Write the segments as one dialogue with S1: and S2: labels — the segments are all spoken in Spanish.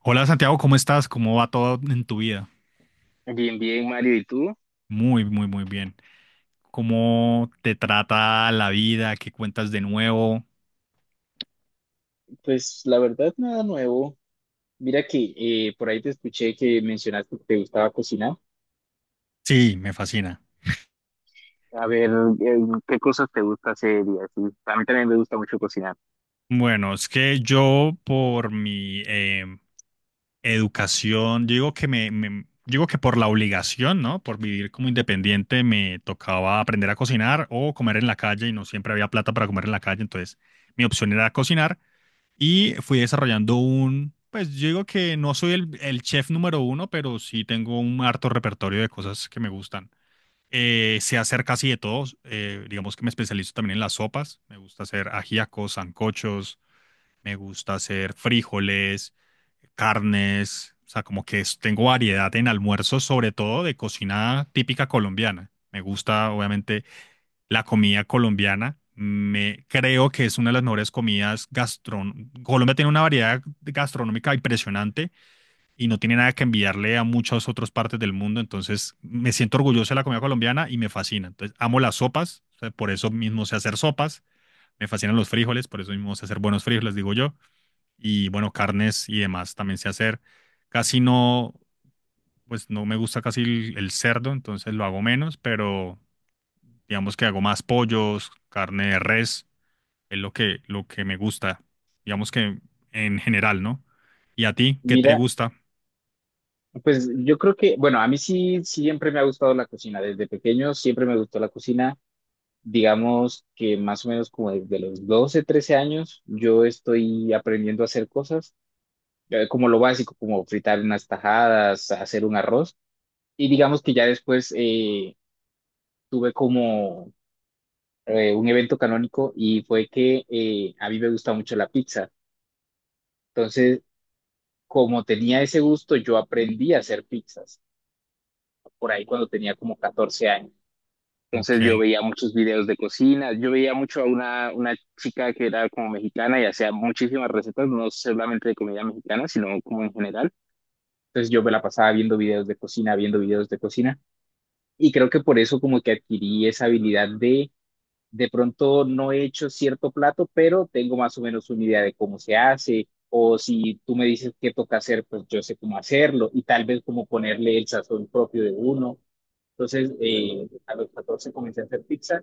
S1: Hola Santiago, ¿cómo estás? ¿Cómo va todo en tu vida?
S2: Bien, bien, Mario, ¿y tú?
S1: Muy, muy, muy bien. ¿Cómo te trata la vida? ¿Qué cuentas de nuevo?
S2: Pues la verdad, nada nuevo. Mira que por ahí te escuché que mencionaste que te gustaba cocinar.
S1: Sí, me fascina.
S2: A ver, eh, ¿qué cosas te gusta hacer y así? A mí también me gusta mucho cocinar.
S1: Bueno, es que yo por mi educación, yo digo que digo que por la obligación, ¿no? Por vivir como independiente, me tocaba aprender a cocinar o comer en la calle y no siempre había plata para comer en la calle, entonces mi opción era cocinar y fui desarrollando un, pues yo digo que no soy el chef número uno, pero sí tengo un harto repertorio de cosas que me gustan. Sé hacer casi de todo, digamos que me especializo también en las sopas, me gusta hacer ajíacos, sancochos, me gusta hacer frijoles, carnes, o sea, tengo variedad en almuerzos, sobre todo de cocina típica colombiana. Me gusta, obviamente, la comida colombiana. Creo que es una de las mejores comidas gastronómicas. Colombia tiene una variedad gastronómica impresionante y no tiene nada que enviarle a muchas otras partes del mundo. Entonces, me siento orgulloso de la comida colombiana y me fascina. Entonces, amo las sopas, o sea, por eso mismo sé hacer sopas. Me fascinan los frijoles, por eso mismo sé hacer buenos frijoles, digo yo. Y bueno, carnes y demás también sé hacer. Casi no, pues no me gusta casi el cerdo, entonces lo hago menos, pero digamos que hago más pollos, carne de res, es lo que me gusta. Digamos que en general, ¿no? ¿Y a ti qué te
S2: Mira,
S1: gusta?
S2: pues yo creo que, bueno, a mí sí siempre me ha gustado la cocina. Desde pequeño siempre me gustó la cocina. Digamos que más o menos como desde los 12 13 años, yo estoy aprendiendo a hacer cosas, como lo básico, como fritar unas tajadas, hacer un arroz. Y digamos que ya después, tuve como un evento canónico y fue que a mí me gusta mucho la pizza. Entonces, como tenía ese gusto, yo aprendí a hacer pizzas por ahí cuando tenía como 14 años. Entonces yo
S1: Ok.
S2: veía muchos videos de cocina, yo veía mucho a una chica que era como mexicana y hacía muchísimas recetas, no solamente de comida mexicana, sino como en general. Entonces yo me la pasaba viendo videos de cocina, viendo videos de cocina y creo que por eso como que adquirí esa habilidad de pronto no he hecho cierto plato, pero tengo más o menos una idea de cómo se hace, o si tú me dices qué toca hacer, pues yo sé cómo hacerlo, y tal vez cómo ponerle el sazón propio de uno. Entonces, a los 14 comencé a hacer pizza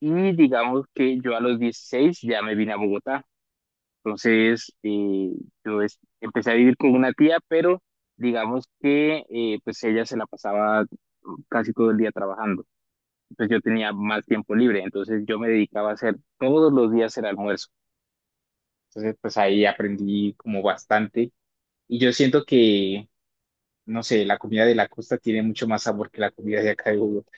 S2: y digamos que yo a los 16 ya me vine a Bogotá. Entonces, empecé a vivir con una tía, pero digamos que pues ella se la pasaba casi todo el día trabajando, pues yo tenía más tiempo libre, entonces yo me dedicaba a hacer todos los días el almuerzo. Entonces, pues ahí aprendí como bastante y yo siento que, no sé, la comida de la costa tiene mucho más sabor que la comida de acá de Bogotá.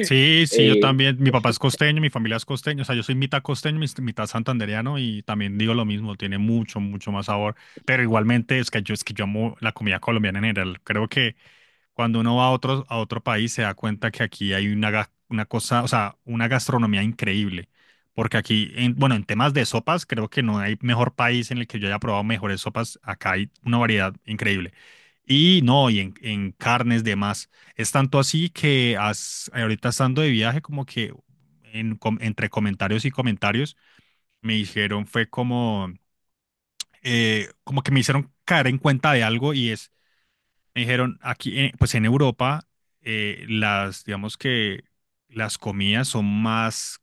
S1: Sí, sí, yo
S2: Eh,
S1: también. Mi papá es costeño, mi familia es costeño. O sea, yo soy mitad costeño, mitad santandereano y también digo lo mismo. Tiene mucho, mucho más sabor. Pero igualmente es que yo amo la comida colombiana en general. Creo que cuando uno va a otro país se da cuenta que aquí hay una cosa, o sea, una gastronomía increíble. Porque aquí, bueno, en temas de sopas, creo que no hay mejor país en el que yo haya probado mejores sopas. Acá hay una variedad increíble. Y no, y en carnes, demás. Es tanto así que ahorita estando de viaje, como que entre comentarios y comentarios, me dijeron, fue como, como que me hicieron caer en cuenta de algo y es me dijeron, aquí, pues en Europa, las, digamos que las comidas son más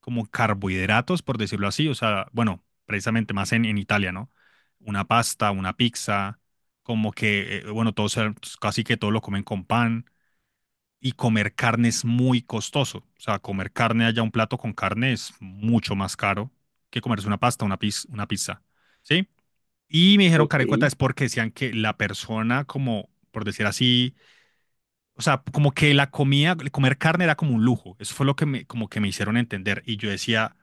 S1: como carbohidratos, por decirlo así, o sea, bueno, precisamente más en Italia, ¿no? Una pasta, una pizza, como que, bueno, todos, casi que todo lo comen con pan, y comer carne es muy costoso, o sea, comer carne allá, un plato con carne es mucho más caro que comerse una pasta, una pizza, ¿sí? Y me dijeron,
S2: ok,
S1: Karen cuenta, es porque decían que la persona, como por decir así, o sea, como que la comida, comer carne era como un lujo. Eso fue lo que me, como que me hicieron entender. Y yo decía,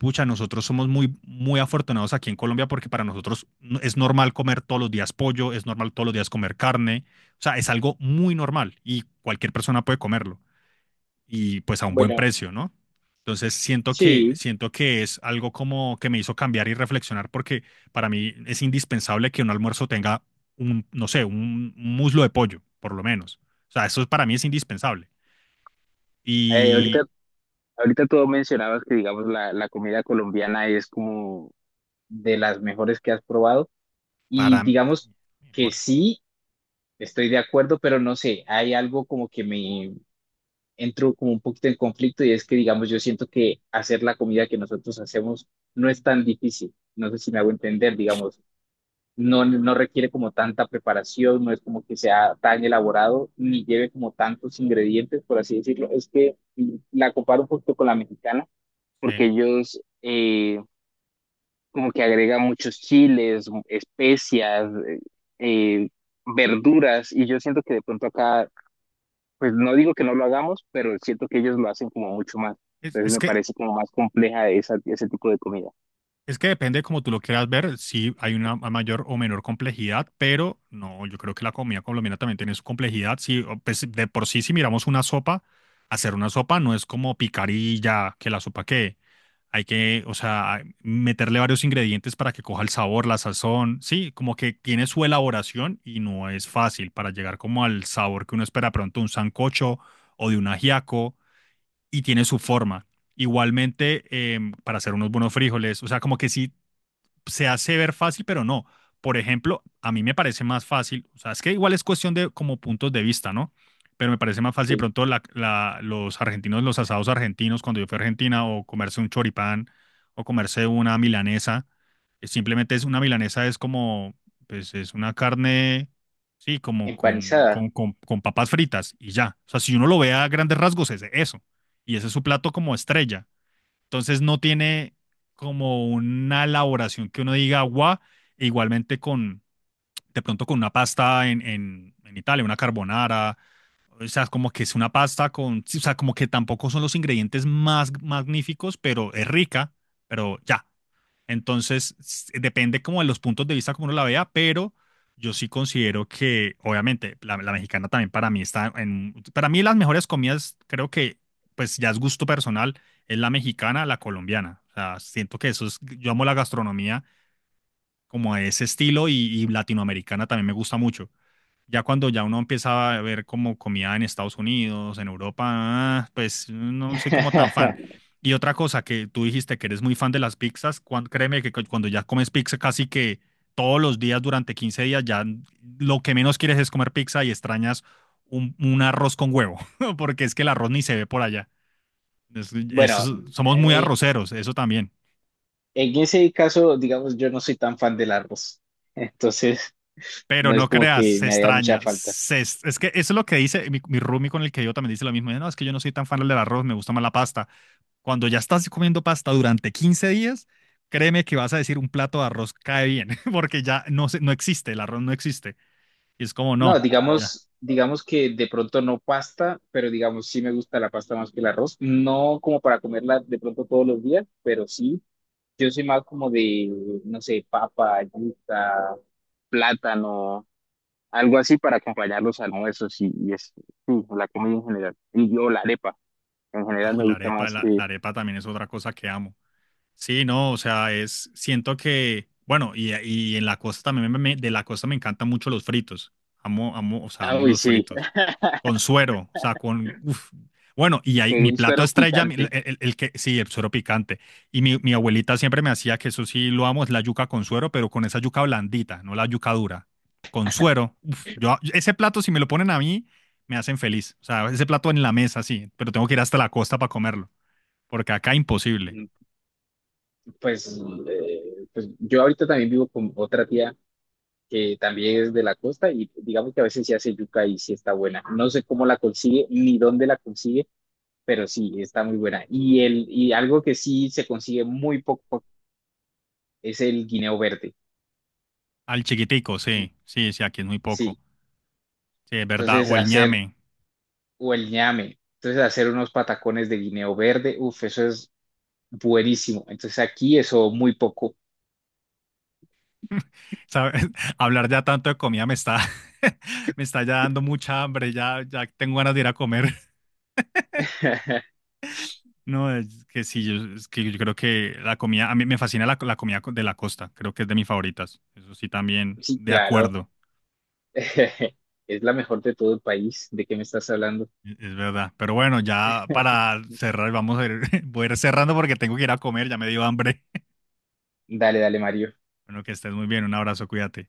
S1: pucha, nosotros somos muy, muy afortunados aquí en Colombia porque para nosotros es normal comer todos los días pollo, es normal todos los días comer carne. O sea, es algo muy normal y cualquier persona puede comerlo y pues a un buen
S2: bueno,
S1: precio, ¿no? Entonces
S2: sí,
S1: siento que es algo como que me hizo cambiar y reflexionar porque para mí es indispensable que un almuerzo tenga un, no sé, un muslo de pollo, por lo menos. O sea, eso para mí es indispensable.
S2: ahorita,
S1: Y
S2: ahorita tú mencionabas que, digamos, la comida colombiana es como de las mejores que has probado
S1: para
S2: y digamos que
S1: mejor,
S2: sí, estoy de acuerdo, pero no sé, hay algo como que me entro como un poquito en conflicto y es que, digamos, yo siento que hacer la comida que nosotros hacemos no es tan difícil. No sé si me hago entender, digamos, no requiere como tanta preparación, no es como que sea tan elaborado, ni lleve como tantos ingredientes, por así decirlo. Es que la comparo un poquito con la mexicana,
S1: sí.
S2: porque ellos como que agregan muchos chiles, especias, eh, verduras, y yo siento que de pronto acá pues no digo que no lo hagamos, pero siento que ellos lo hacen como mucho más.
S1: Es,
S2: Entonces
S1: es
S2: me
S1: que
S2: parece como más compleja esa, ese tipo de comida.
S1: Es que depende como tú lo quieras ver, si hay una mayor o menor complejidad, pero no, yo creo que la comida colombiana también tiene su complejidad. Sí o, pues, de por sí, si miramos una sopa, hacer una sopa no es como picar y ya, que la sopa que hay que, o sea, meterle varios ingredientes para que coja el sabor, la sazón, sí, como que tiene su elaboración y no es fácil para llegar como al sabor que uno espera pronto de un sancocho o de un ajiaco y tiene su forma. Igualmente, para hacer unos buenos frijoles, o sea, como que sí se hace ver fácil, pero no. Por ejemplo, a mí me parece más fácil, o sea, es que igual es cuestión de como puntos de vista, ¿no? Pero me parece más fácil de
S2: Sí,
S1: pronto los argentinos, los asados argentinos, cuando yo fui a Argentina, o comerse un choripán, o comerse una milanesa. Es, simplemente es una milanesa, es como, pues es una carne, sí, como
S2: empanizada.
S1: con papas fritas y ya. O sea, si uno lo ve a grandes rasgos, es eso. Y ese es su plato como estrella. Entonces no tiene como una elaboración que uno diga agua, igualmente con, de pronto con una pasta en Italia, una carbonara, o sea, como que es una pasta con, o sea, como que tampoco son los ingredientes más magníficos, pero es rica, pero ya, entonces, depende como de los puntos de vista como uno la vea, pero yo sí considero que, obviamente, la mexicana también para mí está en, para mí las mejores comidas, creo que, pues ya es gusto personal, es la mexicana, la colombiana. O sea, siento que eso es, yo amo la gastronomía como a ese estilo y latinoamericana también me gusta mucho. Ya cuando ya uno empieza a ver como comida en Estados Unidos, en Europa, ah, pues no soy como tan fan. Y otra cosa que tú dijiste que eres muy fan de las pizzas, cuando ya comes pizza casi que todos los días durante 15 días, ya lo que menos quieres es comer pizza y extrañas un arroz con huevo, porque es que el arroz ni se ve por allá.
S2: Bueno,
S1: Somos muy
S2: eh,
S1: arroceros, eso también.
S2: en ese caso, digamos, yo no soy tan fan del arroz, entonces
S1: Pero
S2: no es
S1: no
S2: como
S1: creas,
S2: que
S1: se
S2: me haga mucha
S1: extraña.
S2: falta.
S1: Se es que Eso es lo que dice mi roomie con el que yo también dice lo mismo. Dice, no, es que yo no soy tan fan del arroz, me gusta más la pasta. Cuando ya estás comiendo pasta durante 15 días, créeme que vas a decir un plato de arroz cae bien, porque ya no, no existe, el arroz no existe. Y es como,
S2: No,
S1: no, ya.
S2: digamos, digamos que de pronto no pasta, pero digamos sí me gusta la pasta más que el arroz. No como para comerla de pronto todos los días, pero sí. Yo soy más como de, no sé, papa, yuca, plátano, algo así para acompañar los almuerzos y es, sí, la comida en general. Y yo la arepa, en
S1: Ah,
S2: general
S1: y
S2: me
S1: la
S2: gusta
S1: arepa,
S2: más que...
S1: la arepa también es otra cosa que amo. Sí, no, o sea, es, siento que, bueno, y en la costa también, de la costa me encantan mucho los fritos. Amo, amo, o sea,
S2: Ah,
S1: amo
S2: uy,
S1: los
S2: sí,
S1: fritos. Con suero, o sea, con, uf. Bueno, y ahí
S2: con
S1: mi
S2: un
S1: plato
S2: suero
S1: estrella,
S2: picante.
S1: el que, sí, el suero picante. Y mi abuelita siempre me hacía que eso sí lo amo, es la yuca con suero, pero con esa yuca blandita, no la yuca dura. Con suero, uf, yo, ese plato, si me lo ponen a mí, me hacen feliz. O sea, ese plato en la mesa, sí, pero tengo que ir hasta la costa para comerlo, porque acá imposible.
S2: Mm, Pues, pues yo ahorita también vivo con otra tía que también es de la costa y digamos que a veces sí hace yuca y sí está buena. No sé cómo la consigue ni dónde la consigue, pero sí está muy buena. Y, el, y algo que sí se consigue muy poco es el guineo verde.
S1: Al chiquitico, sí, sí, sí, aquí es muy poco.
S2: Sí,
S1: Sí, es verdad.
S2: entonces
S1: O el
S2: hacer
S1: ñame.
S2: o el ñame. Entonces, hacer unos patacones de guineo verde, uff, eso es buenísimo. Entonces, aquí eso muy poco.
S1: ¿Sabes? Hablar ya tanto de comida me está ya dando mucha hambre, ya, ya tengo ganas de ir a comer. No, es que sí, yo, es que yo creo que la comida, a mí me fascina la comida de la costa, creo que es de mis favoritas. Eso sí, también,
S2: Sí,
S1: de
S2: claro.
S1: acuerdo,
S2: Es la mejor de todo el país. ¿De qué me estás hablando?
S1: es verdad. Pero bueno, ya para cerrar, vamos a ir, voy a ir cerrando porque tengo que ir a comer, ya me dio hambre.
S2: Dale, dale, Mario.
S1: Bueno, que estés muy bien, un abrazo, cuídate.